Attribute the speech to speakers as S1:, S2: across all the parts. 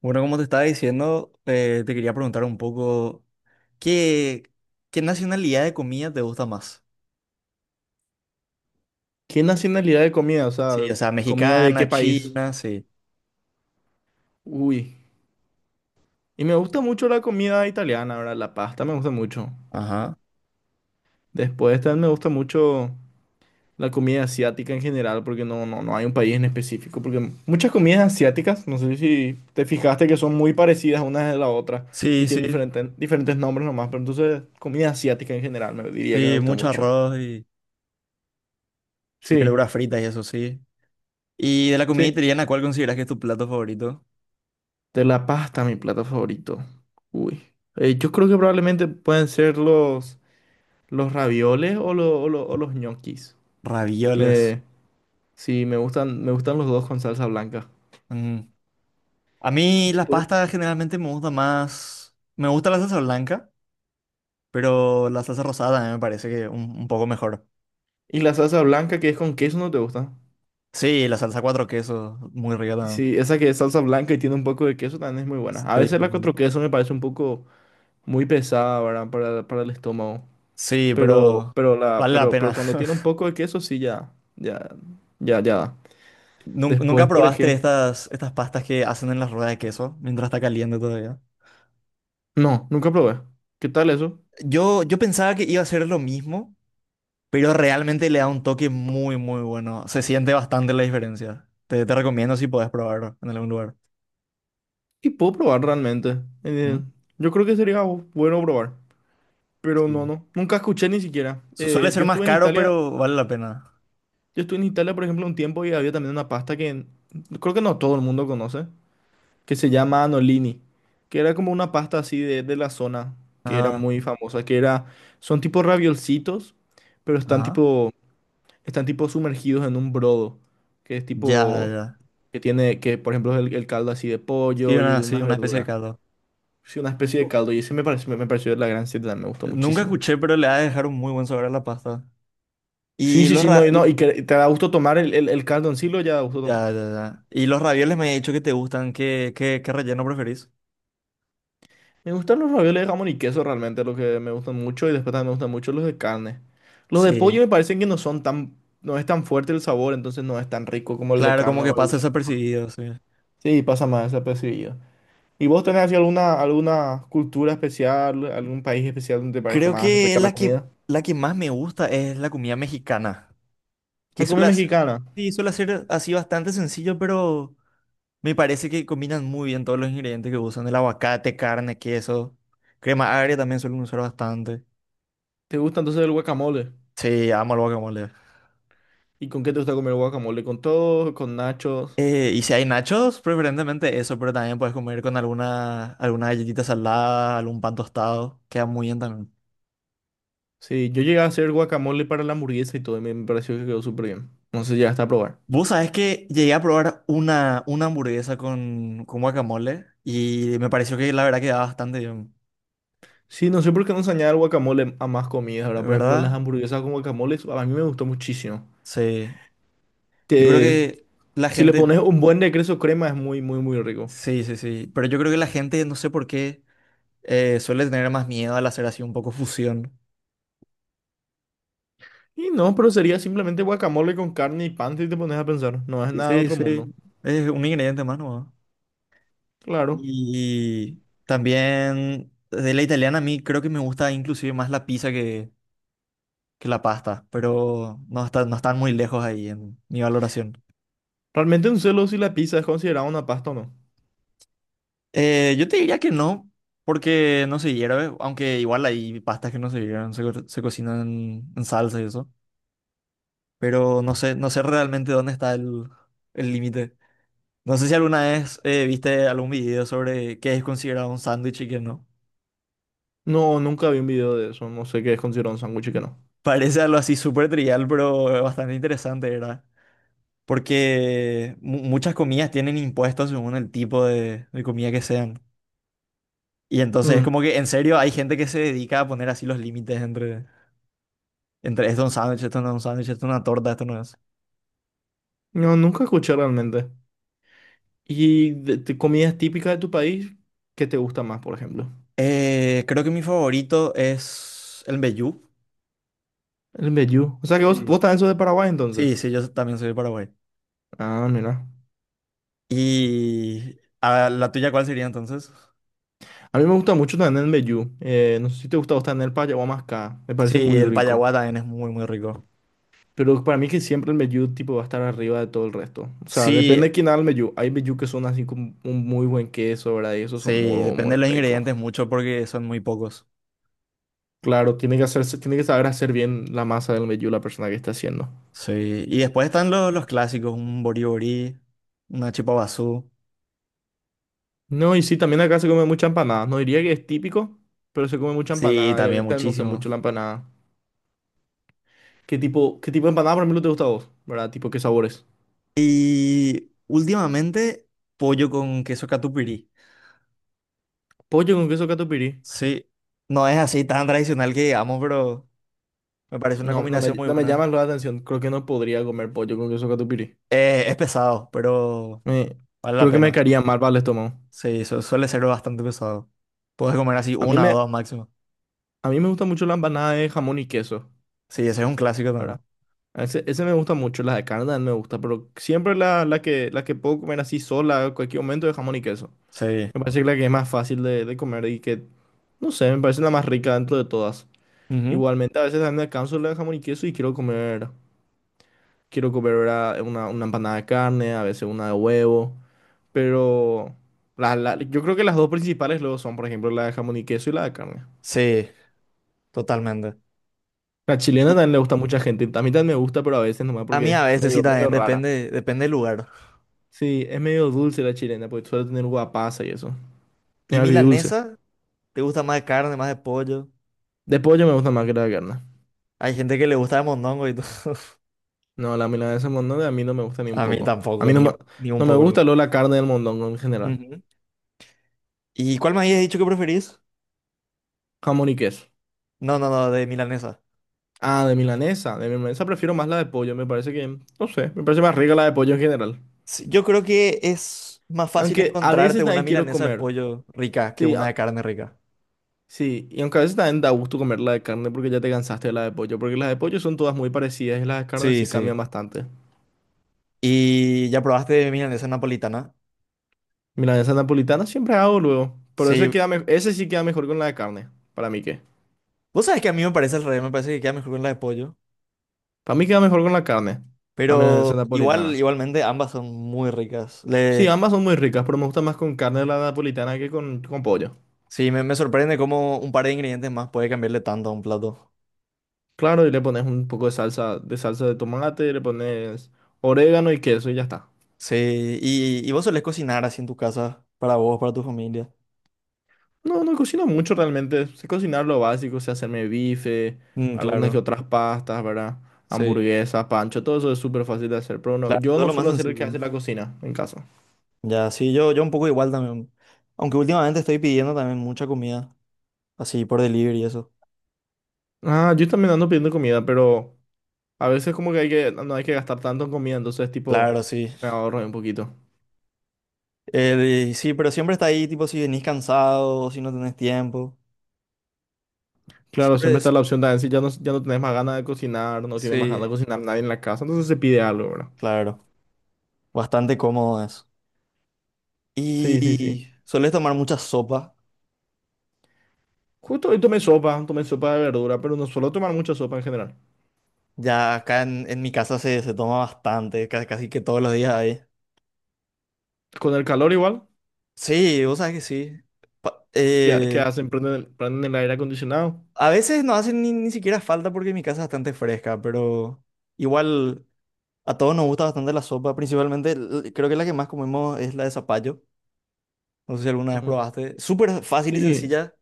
S1: Bueno, como te estaba diciendo, te quería preguntar un poco, ¿qué, qué nacionalidad de comida te gusta más?
S2: ¿Qué nacionalidad de comida? O sea,
S1: Sí, o sea,
S2: ¿comida de qué
S1: mexicana,
S2: país?
S1: china, sí.
S2: Uy. Y me gusta mucho la comida italiana, ¿verdad? La pasta me gusta mucho.
S1: Ajá.
S2: Después también me gusta mucho la comida asiática en general, porque no hay un país en específico. Porque muchas comidas asiáticas, no sé si te fijaste que son muy parecidas una de la otra y
S1: Sí,
S2: tienen
S1: sí,
S2: diferentes nombres nomás, pero entonces comida asiática en general me diría que me
S1: sí,
S2: gusta
S1: mucho
S2: mucho.
S1: arroz y
S2: Sí,
S1: verduras fritas y eso, sí. Y de la comida
S2: sí.
S1: italiana, ¿cuál consideras que es tu plato favorito?
S2: De la pasta, mi plato favorito. Uy. Yo creo que probablemente pueden ser los... ¿Los ravioles o los ñoquis?
S1: Ravioles.
S2: Me, sí, me gustan los dos con salsa blanca.
S1: Mm. A mí las
S2: Después.
S1: pastas generalmente me gusta más, me gusta la salsa blanca, pero la salsa rosada también me parece que un poco mejor.
S2: Y la salsa blanca que es con queso no te gusta.
S1: Sí, la salsa cuatro quesos, muy rica también.
S2: Sí, esa que es salsa blanca y tiene un poco de queso también es muy buena.
S1: Sí,
S2: A
S1: sí,
S2: veces la
S1: sí.
S2: cuatro queso me parece un poco muy pesada, ¿verdad? Para el estómago.
S1: Sí, pero vale la
S2: Pero
S1: pena.
S2: cuando tiene un poco de queso, sí ya da.
S1: ¿Nunca
S2: Después, por
S1: probaste
S2: ejemplo.
S1: estas, estas pastas que hacen en las ruedas de queso mientras está caliente todavía?
S2: No, nunca probé. ¿Qué tal eso?
S1: Yo pensaba que iba a ser lo mismo, pero realmente le da un toque muy, muy bueno. Se siente bastante la diferencia. Te recomiendo si podés probarlo en algún lugar.
S2: Y puedo probar realmente.
S1: ¿Mm?
S2: Yo creo que sería bueno probar. Pero
S1: Sí.
S2: no, nunca escuché ni siquiera.
S1: Suele ser más caro, pero vale la pena.
S2: Yo estuve en Italia, por ejemplo, un tiempo y había también una pasta creo que no todo el mundo conoce, que se llama anolini, que era como una pasta así de la zona, que era
S1: Ah,
S2: muy famosa, que era, son tipo raviolcitos, pero están
S1: ajá.
S2: tipo, están tipo sumergidos en un brodo, que es
S1: Ya,
S2: tipo,
S1: ya.
S2: que tiene, que por ejemplo es el caldo así de pollo y de
S1: Sí,
S2: unas
S1: una especie de
S2: verduras.
S1: caldo.
S2: Sí, una especie de caldo y ese me pareció me pareció de la gran siete, me gustó
S1: Nunca
S2: muchísimo.
S1: escuché, pero le ha de dejar un muy buen sabor a la pasta. Y lo,
S2: Sí, no,
S1: ra-
S2: y que te da gusto tomar el caldo en sí, lo ya da gusto tomar.
S1: Ya, ya, ya. Y los ravioles me he dicho que te gustan. ¿ qué relleno preferís?
S2: Me gustan los ravioles de jamón y queso realmente, los que me gustan mucho, y después también me gustan mucho los de carne. Los de
S1: Sí,
S2: pollo me parecen que no son tan, no es tan fuerte el sabor, entonces no es tan rico como el de
S1: claro, como
S2: carne
S1: que
S2: o el
S1: pasa
S2: de jamón.
S1: desapercibido, sí.
S2: Sí, pasa más desapercibido. ¿Y vos tenés así alguna cultura especial, algún país especial donde te parezca
S1: Creo
S2: más
S1: que
S2: rica la
S1: la que,
S2: comida?
S1: la que más me gusta es la comida mexicana. Que
S2: La comida
S1: suele hacer,
S2: mexicana,
S1: sí, suele ser así bastante sencillo, pero me parece que combinan muy bien todos los ingredientes que usan. El aguacate, carne, queso. Crema agria también suelen usar bastante.
S2: ¿te gusta entonces el guacamole?
S1: Sí, amo el guacamole.
S2: ¿Y con qué te gusta comer el guacamole? ¿Con todo? ¿Con nachos?
S1: Y si hay nachos, preferentemente eso, pero también puedes comer con alguna, alguna galletita salada, algún pan tostado, queda muy bien también.
S2: Sí, yo llegué a hacer guacamole para la hamburguesa y todo, y me pareció que quedó súper bien. No sé si llegaste a probar.
S1: Vos sabés que llegué a probar una hamburguesa con guacamole y me pareció que la verdad quedaba bastante bien,
S2: Sí, no sé por qué no se añade el guacamole a más comidas, ¿verdad? Por ejemplo, las
S1: ¿verdad?
S2: hamburguesas con guacamole, eso a mí me gustó muchísimo.
S1: Sí. Yo creo
S2: Te-
S1: que la
S2: si le
S1: gente,
S2: pones un buen de queso crema es muy rico.
S1: sí, sí, sí, pero yo creo que la gente, no sé por qué, suele tener más miedo al hacer así un poco fusión.
S2: Y no, pero sería simplemente guacamole con carne y pan si te pones a pensar. No es nada de
S1: Sí,
S2: otro mundo.
S1: sí, es un ingrediente más, ¿no?
S2: Claro.
S1: Y también de la italiana a mí creo que me gusta inclusive más la pizza que la pasta, pero no, no están muy lejos ahí en mi valoración.
S2: Realmente un celo si la pizza es considerada una pasta o no.
S1: Yo te diría que no, porque no se hierve, aunque igual hay pastas que no se hierven, se cocinan en salsa y eso, pero no sé, no sé realmente dónde está el límite. No sé si alguna vez viste algún video sobre qué es considerado un sándwich y qué no.
S2: No, nunca vi un video de eso. No sé qué es considerado un sándwich y qué no.
S1: Parece algo así súper trivial, pero bastante interesante, ¿verdad? Porque muchas comidas tienen impuestos según el tipo de comida que sean. Y entonces es
S2: Mm,
S1: como que en serio hay gente que se dedica a poner así los límites entre, entre esto es un sándwich, esto no es un sándwich, esto es una torta, esto no es.
S2: no, nunca escuché realmente. Y de comidas típicas de tu país, ¿qué te gusta más, por ejemplo?
S1: Creo que mi favorito es el mbejú.
S2: El mbejú. O sea que
S1: Sí.
S2: vos también sos de Paraguay
S1: Sí,
S2: entonces.
S1: sí, yo también soy de Paraguay.
S2: Ah, mira.
S1: ¿Y a la tuya cuál sería entonces?
S2: A mí me gusta mucho también el mbejú. No sé si te gusta vos también el payaguamascá. Me parece
S1: Sí,
S2: muy
S1: el
S2: rico.
S1: payaguá también es muy, muy rico.
S2: Pero para mí que siempre el mbejú tipo va a estar arriba de todo el resto. O sea, depende
S1: Sí,
S2: de quién haga el mbejú. Hay mbejú que son así con un muy buen queso, ¿verdad? Y esos son
S1: sí,
S2: muy,
S1: depende
S2: muy
S1: de los
S2: ricos.
S1: ingredientes mucho porque son muy pocos.
S2: Claro, tiene que hacerse, tiene que saber hacer bien la masa del mbejú la persona que está haciendo.
S1: Sí, y después están los clásicos, un boriborí, una chipa basú.
S2: No, y sí, también acá se come mucha empanada. No diría que es típico, pero se come mucha
S1: Sí,
S2: empanada y a mí
S1: también
S2: también me gusta
S1: muchísimo.
S2: mucho la empanada. ¿Qué tipo de empanada por ejemplo te gusta a vos? ¿Verdad? Tipo, ¿qué sabores?
S1: Y últimamente, pollo con queso catupirí.
S2: Pollo con queso catupiry.
S1: Sí, no es así tan tradicional que digamos, pero me parece una combinación muy
S2: No me
S1: buena.
S2: llama la atención. Creo que no podría comer pollo con queso catupiry.
S1: Es pesado, pero
S2: Me-
S1: vale la
S2: creo que me
S1: pena.
S2: caería mal para el estómago.
S1: Sí, suele ser bastante pesado. Puedes comer así
S2: A mí
S1: una o
S2: me,
S1: dos máximo.
S2: a mí me gusta mucho la empanada de jamón y queso,
S1: Sí, ese es un clásico también.
S2: ¿verdad? Ese me gusta mucho, la de carne también me gusta, pero siempre la que puedo comer así sola, en cualquier momento, de jamón y queso.
S1: Sí.
S2: Me parece que la que es más fácil de comer y que, no sé, me parece la más rica dentro de todas.
S1: Ujú.
S2: Igualmente, a veces también me canso la de jamón y queso y quiero comer ¿verdad? Una empanada de carne, a veces una de huevo, pero yo creo que las dos principales luego son, por ejemplo, la de jamón y queso y la de carne.
S1: Sí, totalmente.
S2: La chilena
S1: Y
S2: también le gusta a mucha gente, a mí también me gusta, pero a veces nomás
S1: a
S2: porque
S1: mí
S2: es
S1: a veces sí
S2: medio
S1: también
S2: rara.
S1: depende, depende del lugar.
S2: Sí, es medio dulce la chilena, porque suele tener guapasa y eso. Es
S1: ¿Y
S2: agridulce.
S1: milanesa? ¿Te gusta más de carne, más de pollo?
S2: De pollo me gusta más que la de carne.
S1: Hay gente que le gusta de mondongo y todo.
S2: No, la milanesa de mondongo a mí no me gusta ni un
S1: A mí
S2: poco. A
S1: tampoco,
S2: mí no
S1: ni,
S2: me,
S1: ni un
S2: No me
S1: poco.
S2: gusta luego la carne del mondongo en general.
S1: Ujú. ¿Y cuál me habías dicho que preferís?
S2: Jamón y queso.
S1: No, no, no, de milanesa.
S2: Ah, de milanesa. De milanesa prefiero más la de pollo. Me parece que, no sé, me parece más rica la de pollo en general.
S1: Sí, yo creo que es más fácil
S2: Aunque a
S1: encontrarte
S2: veces
S1: una
S2: también quiero
S1: milanesa de
S2: comer.
S1: pollo rica que
S2: Sí,
S1: una
S2: a-
S1: de carne rica.
S2: sí. Y aunque a veces también da gusto comer la de carne porque ya te cansaste de la de pollo. Porque las de pollo son todas muy parecidas y las de carne
S1: Sí,
S2: sí cambian
S1: sí.
S2: bastante.
S1: ¿Y ya probaste milanesa napolitana?
S2: Milanesa napolitana siempre hago luego. Pero ese,
S1: Sí.
S2: queda me- ese sí queda mejor con la de carne. Para mí qué.
S1: Vos sabés que a mí me parece al revés, me parece que queda mejor con la de pollo.
S2: Para mí queda mejor con la carne. La
S1: Pero
S2: milanesa
S1: igual,
S2: napolitana.
S1: igualmente ambas son muy ricas.
S2: Sí,
S1: Le,
S2: ambas son muy ricas, pero me gusta más con carne de la napolitana que con pollo.
S1: sí, me sorprende cómo un par de ingredientes más puede cambiarle tanto a un plato.
S2: Claro, y le pones un poco de salsa, de salsa de tomate, le pones orégano y queso y ya está.
S1: Sí, y vos solés cocinar así en tu casa, para vos, para tu familia.
S2: No, no cocino mucho realmente. Sé cocinar lo básico, sé hacerme bife,
S1: Mm,
S2: algunas que
S1: claro,
S2: otras pastas, ¿verdad?
S1: sí,
S2: Hamburguesas, pancho, todo eso es súper fácil de hacer, pero no,
S1: claro,
S2: yo
S1: todo
S2: no
S1: lo más
S2: suelo ser el que
S1: sencillo.
S2: hace la cocina en casa.
S1: Ya, sí, yo un poco igual también. Aunque últimamente estoy pidiendo también mucha comida, así por delivery y eso.
S2: Ah, yo también ando pidiendo comida, pero a veces como que hay que, no hay que gastar tanto en comida, entonces tipo,
S1: Claro, sí.
S2: me ahorro un poquito.
S1: Y sí, pero siempre está ahí, tipo, si venís cansado, o si no tenés tiempo.
S2: Claro,
S1: Siempre
S2: siempre está la
S1: es,
S2: opción de "Ah, si ya no tenés más ganas de cocinar, no tiene más
S1: sí,
S2: ganas de cocinar nadie en la casa, entonces se pide algo, ¿verdad?
S1: claro, bastante cómodo eso.
S2: Sí, sí, sí.
S1: Y solés tomar mucha sopa.
S2: Justo hoy tomé sopa de verdura, pero no suelo tomar mucha sopa en general.
S1: Ya acá en mi casa se, se toma bastante, casi, que todos los días hay.
S2: Con el calor igual,
S1: Sí, vos sabés que sí. Pa-
S2: ya, ¿qué
S1: eh,
S2: hacen? Prenden prenden el aire acondicionado.
S1: a veces no hace ni, ni siquiera falta porque mi casa es bastante fresca, pero igual a todos nos gusta bastante la sopa. Principalmente, creo que la que más comemos es la de zapallo. No sé si alguna vez
S2: Mm,
S1: probaste. Súper fácil y
S2: sí,
S1: sencilla,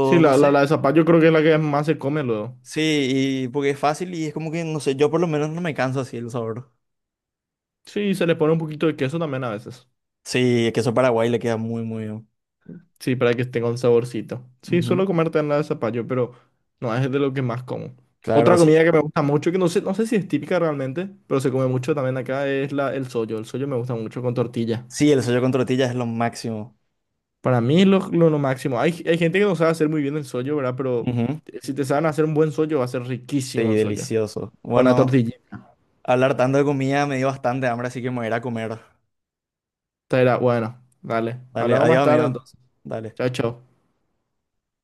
S2: sí,
S1: no sé.
S2: la de zapallo creo que es la que más se come luego.
S1: Sí, y porque es fácil y es como que, no sé, yo por lo menos no me canso así el sabor.
S2: Sí, se le pone un poquito de queso también a veces.
S1: Sí, el queso Paraguay le queda muy, muy bien.
S2: Sí, para que tenga un saborcito. Sí,
S1: Ujú.
S2: suelo comer nada de zapallo, pero no es de lo que más como. Otra
S1: Claro, sí.
S2: comida que me gusta mucho, que no sé, no sé si es típica realmente, pero se come mucho también acá, es el sollo. El sollo me gusta mucho con tortilla.
S1: Sí, el sollo con tortillas es lo máximo.
S2: Para mí es lo máximo. Hay gente que no sabe hacer muy bien el sollo, ¿verdad? Pero
S1: Ujú.
S2: si te saben hacer un buen sollo, va a ser
S1: Sí,
S2: riquísimo el sollo.
S1: delicioso.
S2: Con la
S1: Bueno,
S2: tortilla.
S1: hablar tanto de comida me dio bastante hambre, así que me voy a ir a comer.
S2: Esta era, bueno, dale.
S1: Dale,
S2: Hablamos más
S1: adiós,
S2: tarde
S1: amigo.
S2: entonces.
S1: Dale.
S2: Chao, chao.